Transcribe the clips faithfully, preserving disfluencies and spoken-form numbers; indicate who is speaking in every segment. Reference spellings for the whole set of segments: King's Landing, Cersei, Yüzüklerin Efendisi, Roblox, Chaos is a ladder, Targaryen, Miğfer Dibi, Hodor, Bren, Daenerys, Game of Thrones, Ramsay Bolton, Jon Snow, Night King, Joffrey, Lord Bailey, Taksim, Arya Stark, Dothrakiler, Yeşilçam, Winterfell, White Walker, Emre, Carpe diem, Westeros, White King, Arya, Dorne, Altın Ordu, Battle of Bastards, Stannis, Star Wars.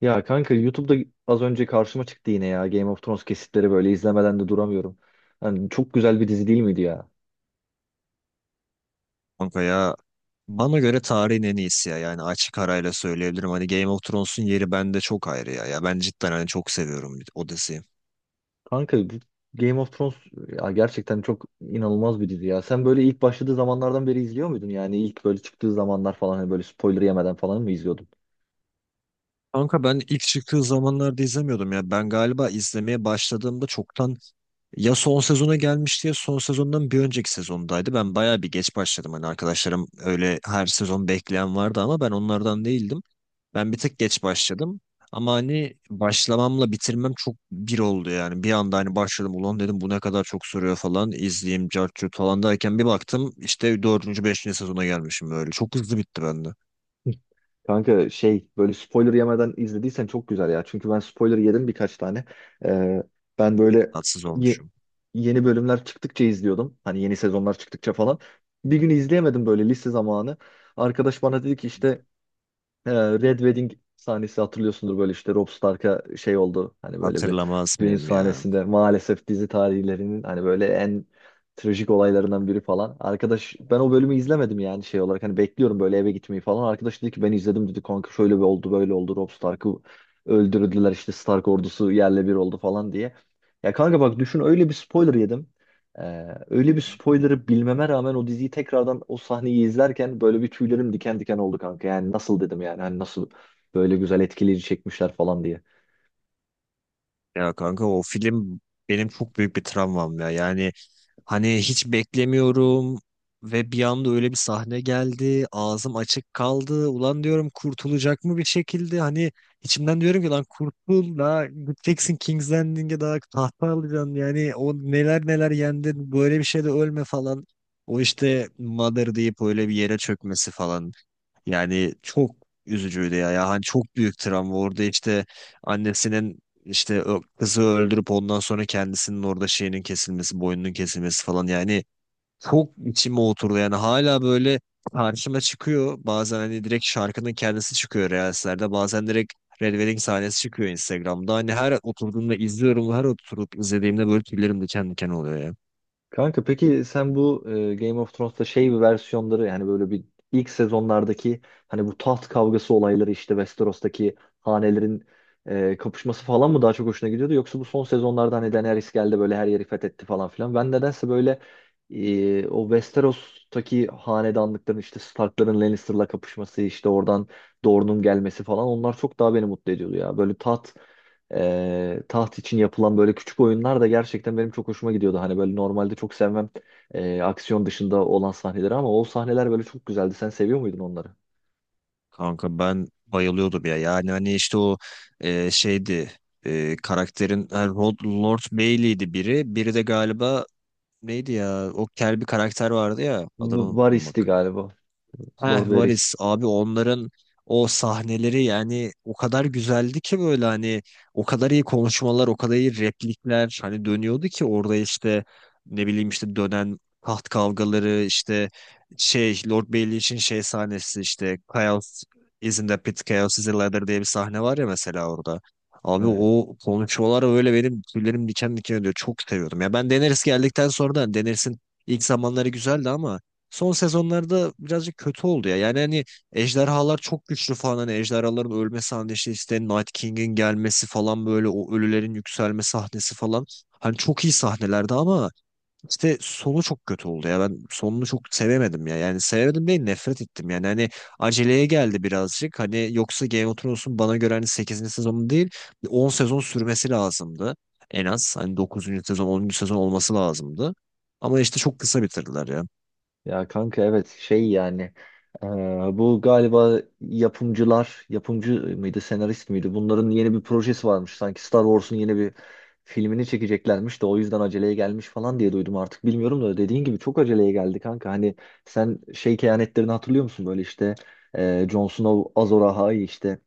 Speaker 1: Ya kanka YouTube'da az önce karşıma çıktı yine ya, Game of Thrones kesitleri böyle izlemeden de duramıyorum. Hani çok güzel bir dizi değil miydi ya?
Speaker 2: Kanka ya, bana göre tarihin en iyisi ya. Yani açık arayla söyleyebilirim. Hani Game of Thrones'un yeri bende çok ayrı ya. Ya ben cidden hani çok seviyorum o diziyi.
Speaker 1: Kanka bu Game of Thrones ya, gerçekten çok inanılmaz bir dizi ya. Sen böyle ilk başladığı zamanlardan beri izliyor muydun? Yani ilk böyle çıktığı zamanlar falan, hani böyle spoiler yemeden falan mı izliyordun?
Speaker 2: Kanka ben ilk çıktığı zamanlarda izlemiyordum ya. Ben galiba izlemeye başladığımda çoktan ya son sezona gelmişti ya son sezondan bir önceki sezondaydı. Ben bayağı bir geç başladım. Hani arkadaşlarım öyle her sezon bekleyen vardı ama ben onlardan değildim. Ben bir tık geç başladım. Ama hani başlamamla bitirmem çok bir oldu yani. Bir anda hani başladım, ulan dedim bu ne kadar çok soruyor falan. İzleyeyim cartçut falan derken bir baktım işte dördüncü beşinci sezona gelmişim öyle. Çok hızlı bitti bende.
Speaker 1: Kanka şey, böyle spoiler yemeden izlediysen çok güzel ya. Çünkü ben spoiler yedim birkaç tane. Ee, ben böyle
Speaker 2: Tatsız
Speaker 1: ye-
Speaker 2: olmuşum.
Speaker 1: yeni bölümler çıktıkça izliyordum. Hani yeni sezonlar çıktıkça falan. Bir gün izleyemedim böyle lise zamanı. Arkadaş bana dedi ki işte ee, Red Wedding sahnesi hatırlıyorsundur, böyle işte Rob Stark'a şey oldu, hani böyle bir
Speaker 2: Hatırlamaz
Speaker 1: düğün
Speaker 2: mıyım ya?
Speaker 1: sahnesinde, maalesef dizi tarihlerinin hani böyle en trajik olaylarından biri falan. Arkadaş, ben o bölümü izlemedim yani, şey olarak hani bekliyorum böyle eve gitmeyi falan. Arkadaş dedi ki ben izledim dedi kanka, şöyle bir oldu böyle oldu, Rob Stark'ı öldürdüler, işte Stark ordusu yerle bir oldu falan diye. Ya kanka bak, düşün, öyle bir spoiler yedim. Ee, öyle bir
Speaker 2: Hı.
Speaker 1: spoiler'ı bilmeme rağmen o diziyi tekrardan, o sahneyi izlerken böyle bir tüylerim diken diken oldu kanka. Yani nasıl dedim, yani hani nasıl böyle güzel etkileyici çekmişler falan diye.
Speaker 2: Ya kanka o film benim çok büyük bir travmam ya. Yani hani hiç beklemiyorum ve bir anda öyle bir sahne geldi. Ağzım açık kaldı. Ulan diyorum kurtulacak mı bir şekilde? Hani içimden diyorum ki lan kurtul da, gideceksin King's Landing'e, daha tahta alacaksın. Yani o neler neler yendin böyle bir şeyde ölme falan. O işte Mother deyip öyle bir yere çökmesi falan. Yani çok üzücüydü ya. Ya hani çok büyük travma. Orada işte annesinin işte ö- kızı öldürüp ondan sonra kendisinin orada şeyinin kesilmesi, boynunun kesilmesi falan. Yani çok içime oturdu. Yani hala böyle karşıma çıkıyor. Bazen hani direkt şarkının kendisi çıkıyor Reels'lerde. Bazen direkt Red Wedding sahnesi çıkıyor Instagram'da. Hani her oturduğumda izliyorum. Her oturup izlediğimde böyle tüylerim diken diken oluyor ya.
Speaker 1: Kanka peki sen bu e, Game of Thrones'ta şey, bir versiyonları yani böyle bir ilk sezonlardaki, hani bu taht kavgası olayları, işte Westeros'taki hanelerin e, kapışması falan mı daha çok hoşuna gidiyordu, yoksa bu son sezonlarda hani Daenerys geldi, böyle her yeri fethetti falan filan? Ben nedense böyle e, o Westeros'taki hanedanlıkların, işte Stark'ların Lannister'la kapışması, işte oradan Dorne'un gelmesi falan, onlar çok daha beni mutlu ediyordu ya. Böyle taht ee, taht için yapılan böyle küçük oyunlar da gerçekten benim çok hoşuma gidiyordu. Hani böyle normalde çok sevmem e, aksiyon dışında olan sahneleri, ama o sahneler böyle çok güzeldi. Sen seviyor muydun onları?
Speaker 2: Kanka ben bayılıyordum ya. Yani hani işte o e, şeydi, e, karakterin, ha, Rod, Lord Bailey'di biri. Biri de galiba neydi ya? O kel bir karakter vardı ya. Adını
Speaker 1: V-
Speaker 2: unuttum
Speaker 1: Varys'ti
Speaker 2: bak.
Speaker 1: galiba. Lord
Speaker 2: Heh,
Speaker 1: Varys.
Speaker 2: Varis abi, onların o sahneleri yani o kadar güzeldi ki, böyle hani o kadar iyi konuşmalar, o kadar iyi replikler hani dönüyordu ki orada, işte ne bileyim işte dönen taht kavgaları, işte şey Lord Bailey için şey sahnesi, işte Chaos is in the pit, Chaos is a ladder diye bir sahne var ya mesela orada. Abi
Speaker 1: Evet.
Speaker 2: o konuşmalar öyle benim tüylerim diken diken ediyor. Çok seviyordum. Ya ben Daenerys geldikten sonra da Daenerys'in ilk zamanları güzeldi ama son sezonlarda birazcık kötü oldu ya. Yani hani ejderhalar çok güçlü falan, hani ejderhaların ölme sahnesi, işte Night King'in gelmesi falan, böyle o ölülerin yükselme sahnesi falan. Hani çok iyi sahnelerdi ama işte sonu çok kötü oldu ya. Ben sonunu çok sevemedim ya. Yani sevemedim değil, nefret ettim. Yani hani aceleye geldi birazcık. Hani yoksa Game of Thrones'un bana göre hani sekizinci sezonu değil on sezon sürmesi lazımdı. En az hani dokuzuncu sezon, onuncu sezon olması lazımdı. Ama işte çok kısa bitirdiler ya.
Speaker 1: Ya kanka evet, şey yani eee, bu galiba yapımcılar, yapımcı mıydı senarist miydi, bunların yeni bir projesi varmış, sanki Star Wars'un yeni bir filmini çekeceklermiş de o yüzden aceleye gelmiş falan diye duydum, artık bilmiyorum da, dediğin gibi çok aceleye geldi kanka. Hani sen şey kehanetlerini hatırlıyor musun, böyle işte eee Jon Snow Azor Ahai, işte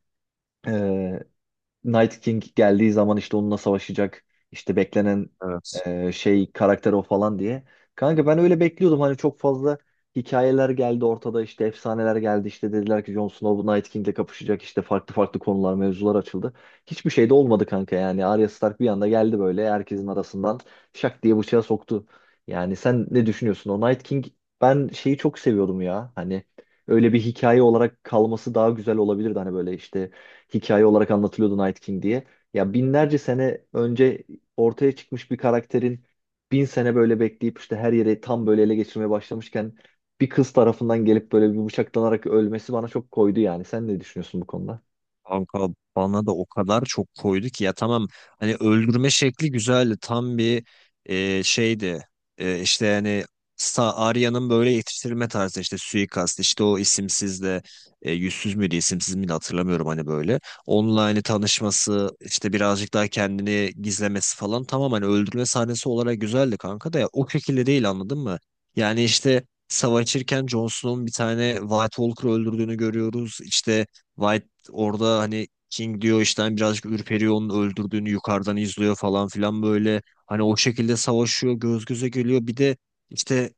Speaker 1: Night King geldiği zaman işte onunla savaşacak, işte beklenen
Speaker 2: Evet.
Speaker 1: e, şey karakter o falan diye. Kanka ben öyle bekliyordum, hani çok fazla hikayeler geldi ortada, işte efsaneler geldi, işte dediler ki Jon Snow bu Night King'le kapışacak, işte farklı farklı konular mevzular açıldı. Hiçbir şey de olmadı kanka, yani Arya Stark bir anda geldi böyle herkesin arasından şak diye bıçağı soktu. Yani sen ne düşünüyorsun o Night King, ben şeyi çok seviyordum ya, hani öyle bir hikaye olarak kalması daha güzel olabilirdi, hani böyle işte hikaye olarak anlatılıyordu Night King diye. Ya binlerce sene önce ortaya çıkmış bir karakterin, bin sene böyle bekleyip işte her yere tam böyle ele geçirmeye başlamışken, bir kız tarafından gelip böyle bir bıçaklanarak ölmesi bana çok koydu yani. Sen ne düşünüyorsun bu konuda?
Speaker 2: Kanka bana da o kadar çok koydu ki ya, tamam hani öldürme şekli güzeldi, tam bir e, şeydi. E, işte yani Sa- Arya'nın böyle yetiştirilme tarzı, işte suikast, işte o isimsiz de, e, yüzsüz müydü isimsiz miydi hatırlamıyorum, hani böyle online tanışması, işte birazcık daha kendini gizlemesi falan, tamam hani öldürme sahnesi olarak güzeldi kanka da ya, o şekilde değil, anladın mı? Yani işte savaşırken Jon Snow'un bir tane White Walker öldürdüğünü görüyoruz işte. White Orada hani King diyor, işte hani birazcık ürperiyor, onun öldürdüğünü yukarıdan izliyor falan filan böyle. Hani o şekilde savaşıyor, göz göze geliyor. Bir de işte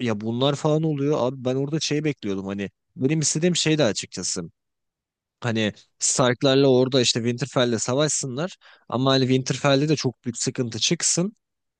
Speaker 2: ya bunlar falan oluyor. Abi ben orada şey bekliyordum hani, benim istediğim şey de açıkçası. Hani Stark'larla orada işte Winterfell'le savaşsınlar. Ama hani Winterfell'de de çok büyük sıkıntı çıksın.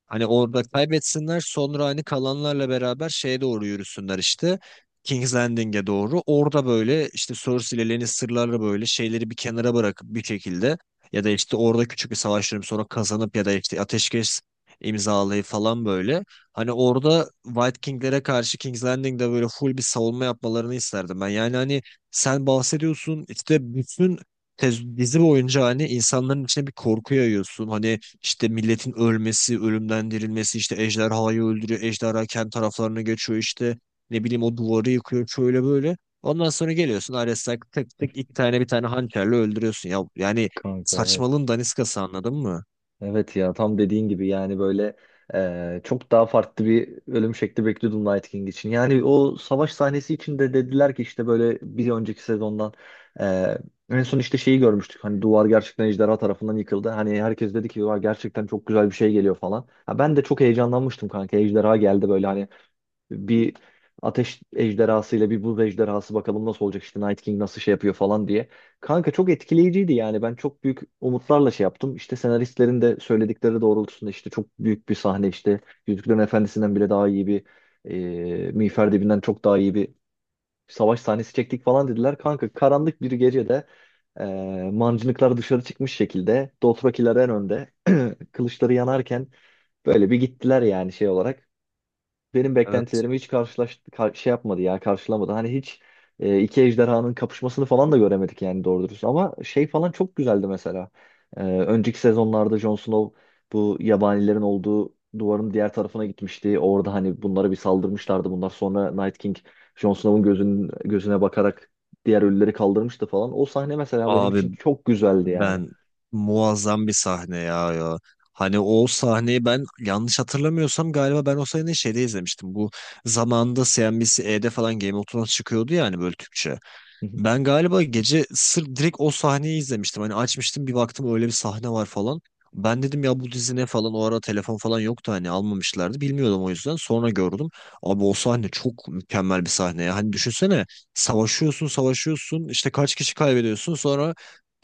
Speaker 2: Hani orada kaybetsinler, sonra hani kalanlarla beraber şeye doğru yürüsünler işte. King's Landing'e doğru. Orada böyle işte Cersei ile Lannister'larla böyle şeyleri bir kenara bırakıp bir şekilde, ya da işte orada küçük bir savaş verip sonra kazanıp, ya da işte ateşkes imzalayıp falan böyle. Hani orada White King'lere karşı King's Landing'de böyle full bir savunma yapmalarını isterdim ben. Yani hani sen bahsediyorsun, işte bütün tez- dizi boyunca hani insanların içine bir korku yayıyorsun. Hani işte milletin ölmesi, ölümden dirilmesi, işte ejderhayı öldürüyor, ejderha kendi taraflarına geçiyor işte. Ne bileyim o duvarı yıkıyor, şöyle böyle. Ondan sonra geliyorsun Ares'ten tık tık iki tane bir tane hançerle öldürüyorsun. Ya yani
Speaker 1: Kanka evet.
Speaker 2: saçmalığın daniskası, anladın mı?
Speaker 1: Evet ya, tam dediğin gibi, yani böyle e, çok daha farklı bir ölüm şekli bekliyordum Night King için. Yani o savaş sahnesi için de dediler ki, işte böyle bir önceki sezondan e, en son işte şeyi görmüştük. Hani duvar gerçekten ejderha tarafından yıkıldı. Hani herkes dedi ki: "Vay, gerçekten çok güzel bir şey geliyor falan." Ha, ben de çok heyecanlanmıştım kanka. Ejderha geldi böyle, hani bir ateş ejderhasıyla bir buz ejderhası, bakalım nasıl olacak, işte Night King nasıl şey yapıyor falan diye. Kanka çok etkileyiciydi yani, ben çok büyük umutlarla şey yaptım. İşte senaristlerin de söyledikleri doğrultusunda, işte çok büyük bir sahne, işte Yüzüklerin Efendisi'nden bile daha iyi bir e, Miğfer Dibi'nden çok daha iyi bir savaş sahnesi çektik falan dediler. Kanka karanlık bir gecede e, mancınıklar dışarı çıkmış şekilde, Dothrakiler en önde kılıçları yanarken böyle bir gittiler, yani şey olarak benim
Speaker 2: Evet.
Speaker 1: beklentilerimi hiç karşılaş kar- şey yapmadı ya, karşılamadı. Hani hiç e, iki ejderhanın kapışmasını falan da göremedik yani, doğru dürüst. Ama şey falan çok güzeldi mesela. E, önceki sezonlarda Jon Snow bu yabanilerin olduğu duvarın diğer tarafına gitmişti. Orada hani bunlara bir saldırmışlardı. Bunlar sonra Night King, Jon Snow'un gözünün, gözüne bakarak diğer ölüleri kaldırmıştı falan. O sahne mesela benim
Speaker 2: Abi
Speaker 1: için çok güzeldi yani.
Speaker 2: ben muazzam bir sahne ya ya. Hani o sahneyi ben yanlış hatırlamıyorsam galiba ben o sahneyi şeyde izlemiştim. Bu zamanında C N B C-E'de falan Game of Thrones çıkıyordu ya hani, böyle Türkçe.
Speaker 1: Hı hı.
Speaker 2: Ben galiba gece sırf direkt o sahneyi izlemiştim. Hani açmıştım bir baktım öyle bir sahne var falan. Ben dedim ya bu dizi ne falan, o ara telefon falan yoktu, hani almamışlardı, bilmiyordum o yüzden, sonra gördüm. Abi o sahne çok mükemmel bir sahne ya. Hani düşünsene savaşıyorsun savaşıyorsun, işte kaç kişi kaybediyorsun, sonra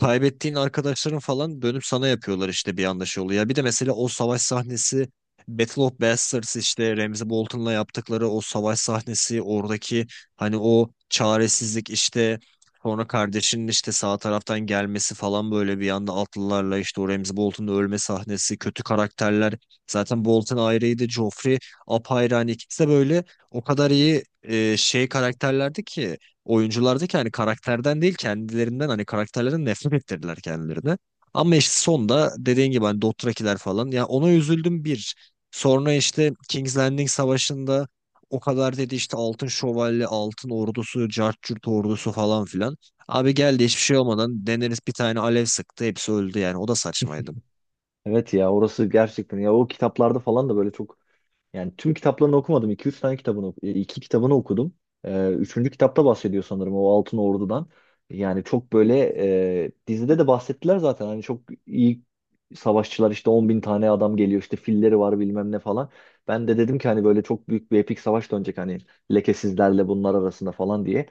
Speaker 2: kaybettiğin arkadaşların falan dönüp sana yapıyorlar işte, bir anda şey oluyor. Ya bir de mesela o savaş sahnesi, Battle of Bastards, işte Ramsay Bolton'la yaptıkları o savaş sahnesi, oradaki hani o çaresizlik işte. Sonra kardeşinin işte sağ taraftan gelmesi falan, böyle bir anda atlılarla, işte o Ramsay Bolton'un ölme sahnesi, kötü karakterler. Zaten Bolton ayrıydı, Joffrey apayrı. Hani ikisi de böyle o kadar iyi e, şey karakterlerdi ki, oyunculardı ki, hani karakterden değil kendilerinden, hani karakterlerden nefret ettirdiler kendilerine. Ama işte sonda dediğin gibi hani Dothrakiler falan ya, ona üzüldüm bir. Sonra işte King's Landing Savaşı'nda o kadar dedi işte altın şövalye, altın ordusu, cart curt ordusu falan filan. Abi geldi hiçbir şey olmadan Daenerys bir tane alev sıktı, hepsi öldü, yani o da saçmaydı.
Speaker 1: Evet ya, orası gerçekten ya, o kitaplarda falan da böyle çok. Yani tüm kitaplarını okumadım. iki üç tane kitabını, oku- e, iki kitabını okudum. Ee, üçüncü kitapta bahsediyor sanırım o Altın Ordu'dan. Yani çok böyle e, dizide de bahsettiler zaten. Hani çok iyi savaşçılar, işte on bin tane adam geliyor, işte filleri var bilmem ne falan. Ben de dedim ki hani böyle çok büyük bir epik savaş dönecek, hani lekesizlerle bunlar arasında falan diye.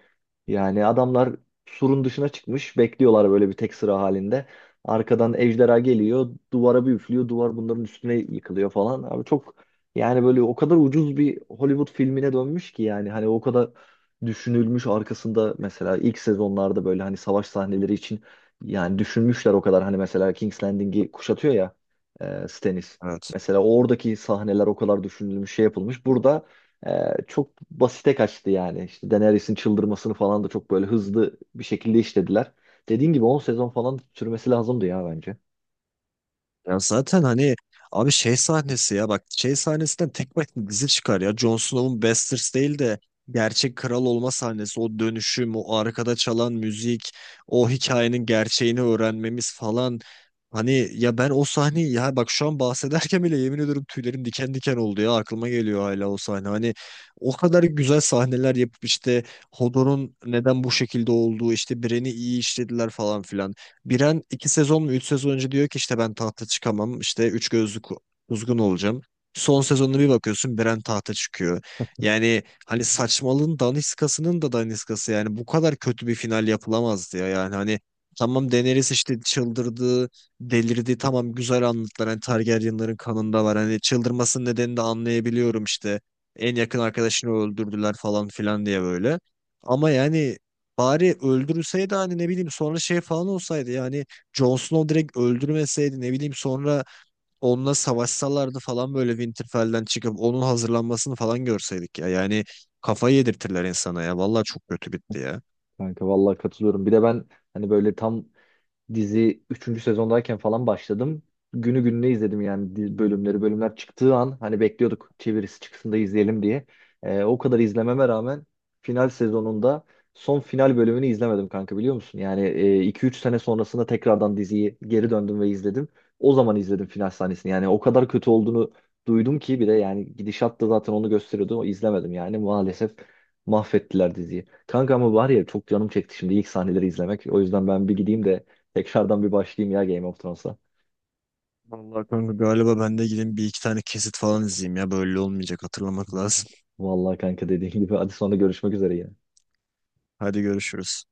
Speaker 1: Yani adamlar surun dışına çıkmış bekliyorlar böyle bir tek sıra halinde. Arkadan ejderha geliyor, duvara bir üflüyor, duvar bunların üstüne yıkılıyor falan. Abi çok, yani böyle o kadar ucuz bir Hollywood filmine dönmüş ki, yani hani o kadar düşünülmüş arkasında, mesela ilk sezonlarda böyle hani savaş sahneleri için yani düşünmüşler o kadar, hani mesela King's Landing'i kuşatıyor ya e, Stannis.
Speaker 2: Evet.
Speaker 1: Mesela oradaki sahneler o kadar düşünülmüş, şey yapılmış. Burada e, çok basite kaçtı yani. İşte Daenerys'in çıldırmasını falan da çok böyle hızlı bir şekilde işlediler. Dediğin gibi on sezon falan sürmesi lazımdı ya bence.
Speaker 2: Ya zaten hani abi şey sahnesi ya bak, şey sahnesinden tek başına dizi çıkar ya. Jon Snow'un Bastards değil de gerçek kral olma sahnesi, o dönüşüm, o arkada çalan müzik, o hikayenin gerçeğini öğrenmemiz falan. Hani ya ben o sahneyi, ya bak şu an bahsederken bile yemin ediyorum tüylerim diken diken oldu ya, aklıma geliyor hala o sahne. Hani o kadar güzel sahneler yapıp işte, Hodor'un neden bu şekilde olduğu, işte Bren'i iyi işlediler falan filan. Biren iki sezon mu üç sezon önce diyor ki işte ben tahta çıkamam, işte üç gözlü ku- kuzgun olacağım. Son sezonuna bir bakıyorsun Biren tahta çıkıyor. Yani hani saçmalığın daniskasının da daniskası, yani bu kadar kötü bir final yapılamazdı ya, yani hani tamam Daenerys işte çıldırdı, delirdi, tamam güzel anlattılar, hani Targaryenların kanında var, hani çıldırmasının nedenini de anlayabiliyorum, işte en yakın arkadaşını öldürdüler falan filan diye böyle. Ama yani bari öldürülseydi, hani ne bileyim sonra şey falan olsaydı yani, Jon Snow direkt öldürmeseydi, ne bileyim sonra onunla savaşsalardı falan, böyle Winterfell'den çıkıp onun hazırlanmasını falan görseydik ya. Yani kafayı yedirtirler insana ya. Vallahi çok kötü bitti ya.
Speaker 1: Kanka vallahi katılıyorum. Bir de ben hani böyle tam dizi üçüncü sezondayken falan başladım. Günü gününe izledim yani di- bölümleri. Bölümler çıktığı an hani bekliyorduk çevirisi çıksın da izleyelim diye. Ee, o kadar izlememe rağmen final sezonunda son final bölümünü izlemedim kanka, biliyor musun? Yani e, iki üç sene sonrasında tekrardan diziyi geri döndüm ve izledim. O zaman izledim final sahnesini. Yani o kadar kötü olduğunu duydum ki, bir de yani gidişat da zaten onu gösteriyordu. O izlemedim yani, maalesef mahvettiler diziyi. Kanka ama var ya, çok canım çekti şimdi ilk sahneleri izlemek. O yüzden ben bir gideyim de tekrardan bir başlayayım ya Game of Thrones'a.
Speaker 2: Vallahi kanka galiba ben de gideyim bir iki tane kesit falan izleyeyim ya. Böyle olmayacak, hatırlamak lazım.
Speaker 1: Vallahi kanka dediğin gibi. Hadi sonra görüşmek üzere yine.
Speaker 2: Hadi görüşürüz.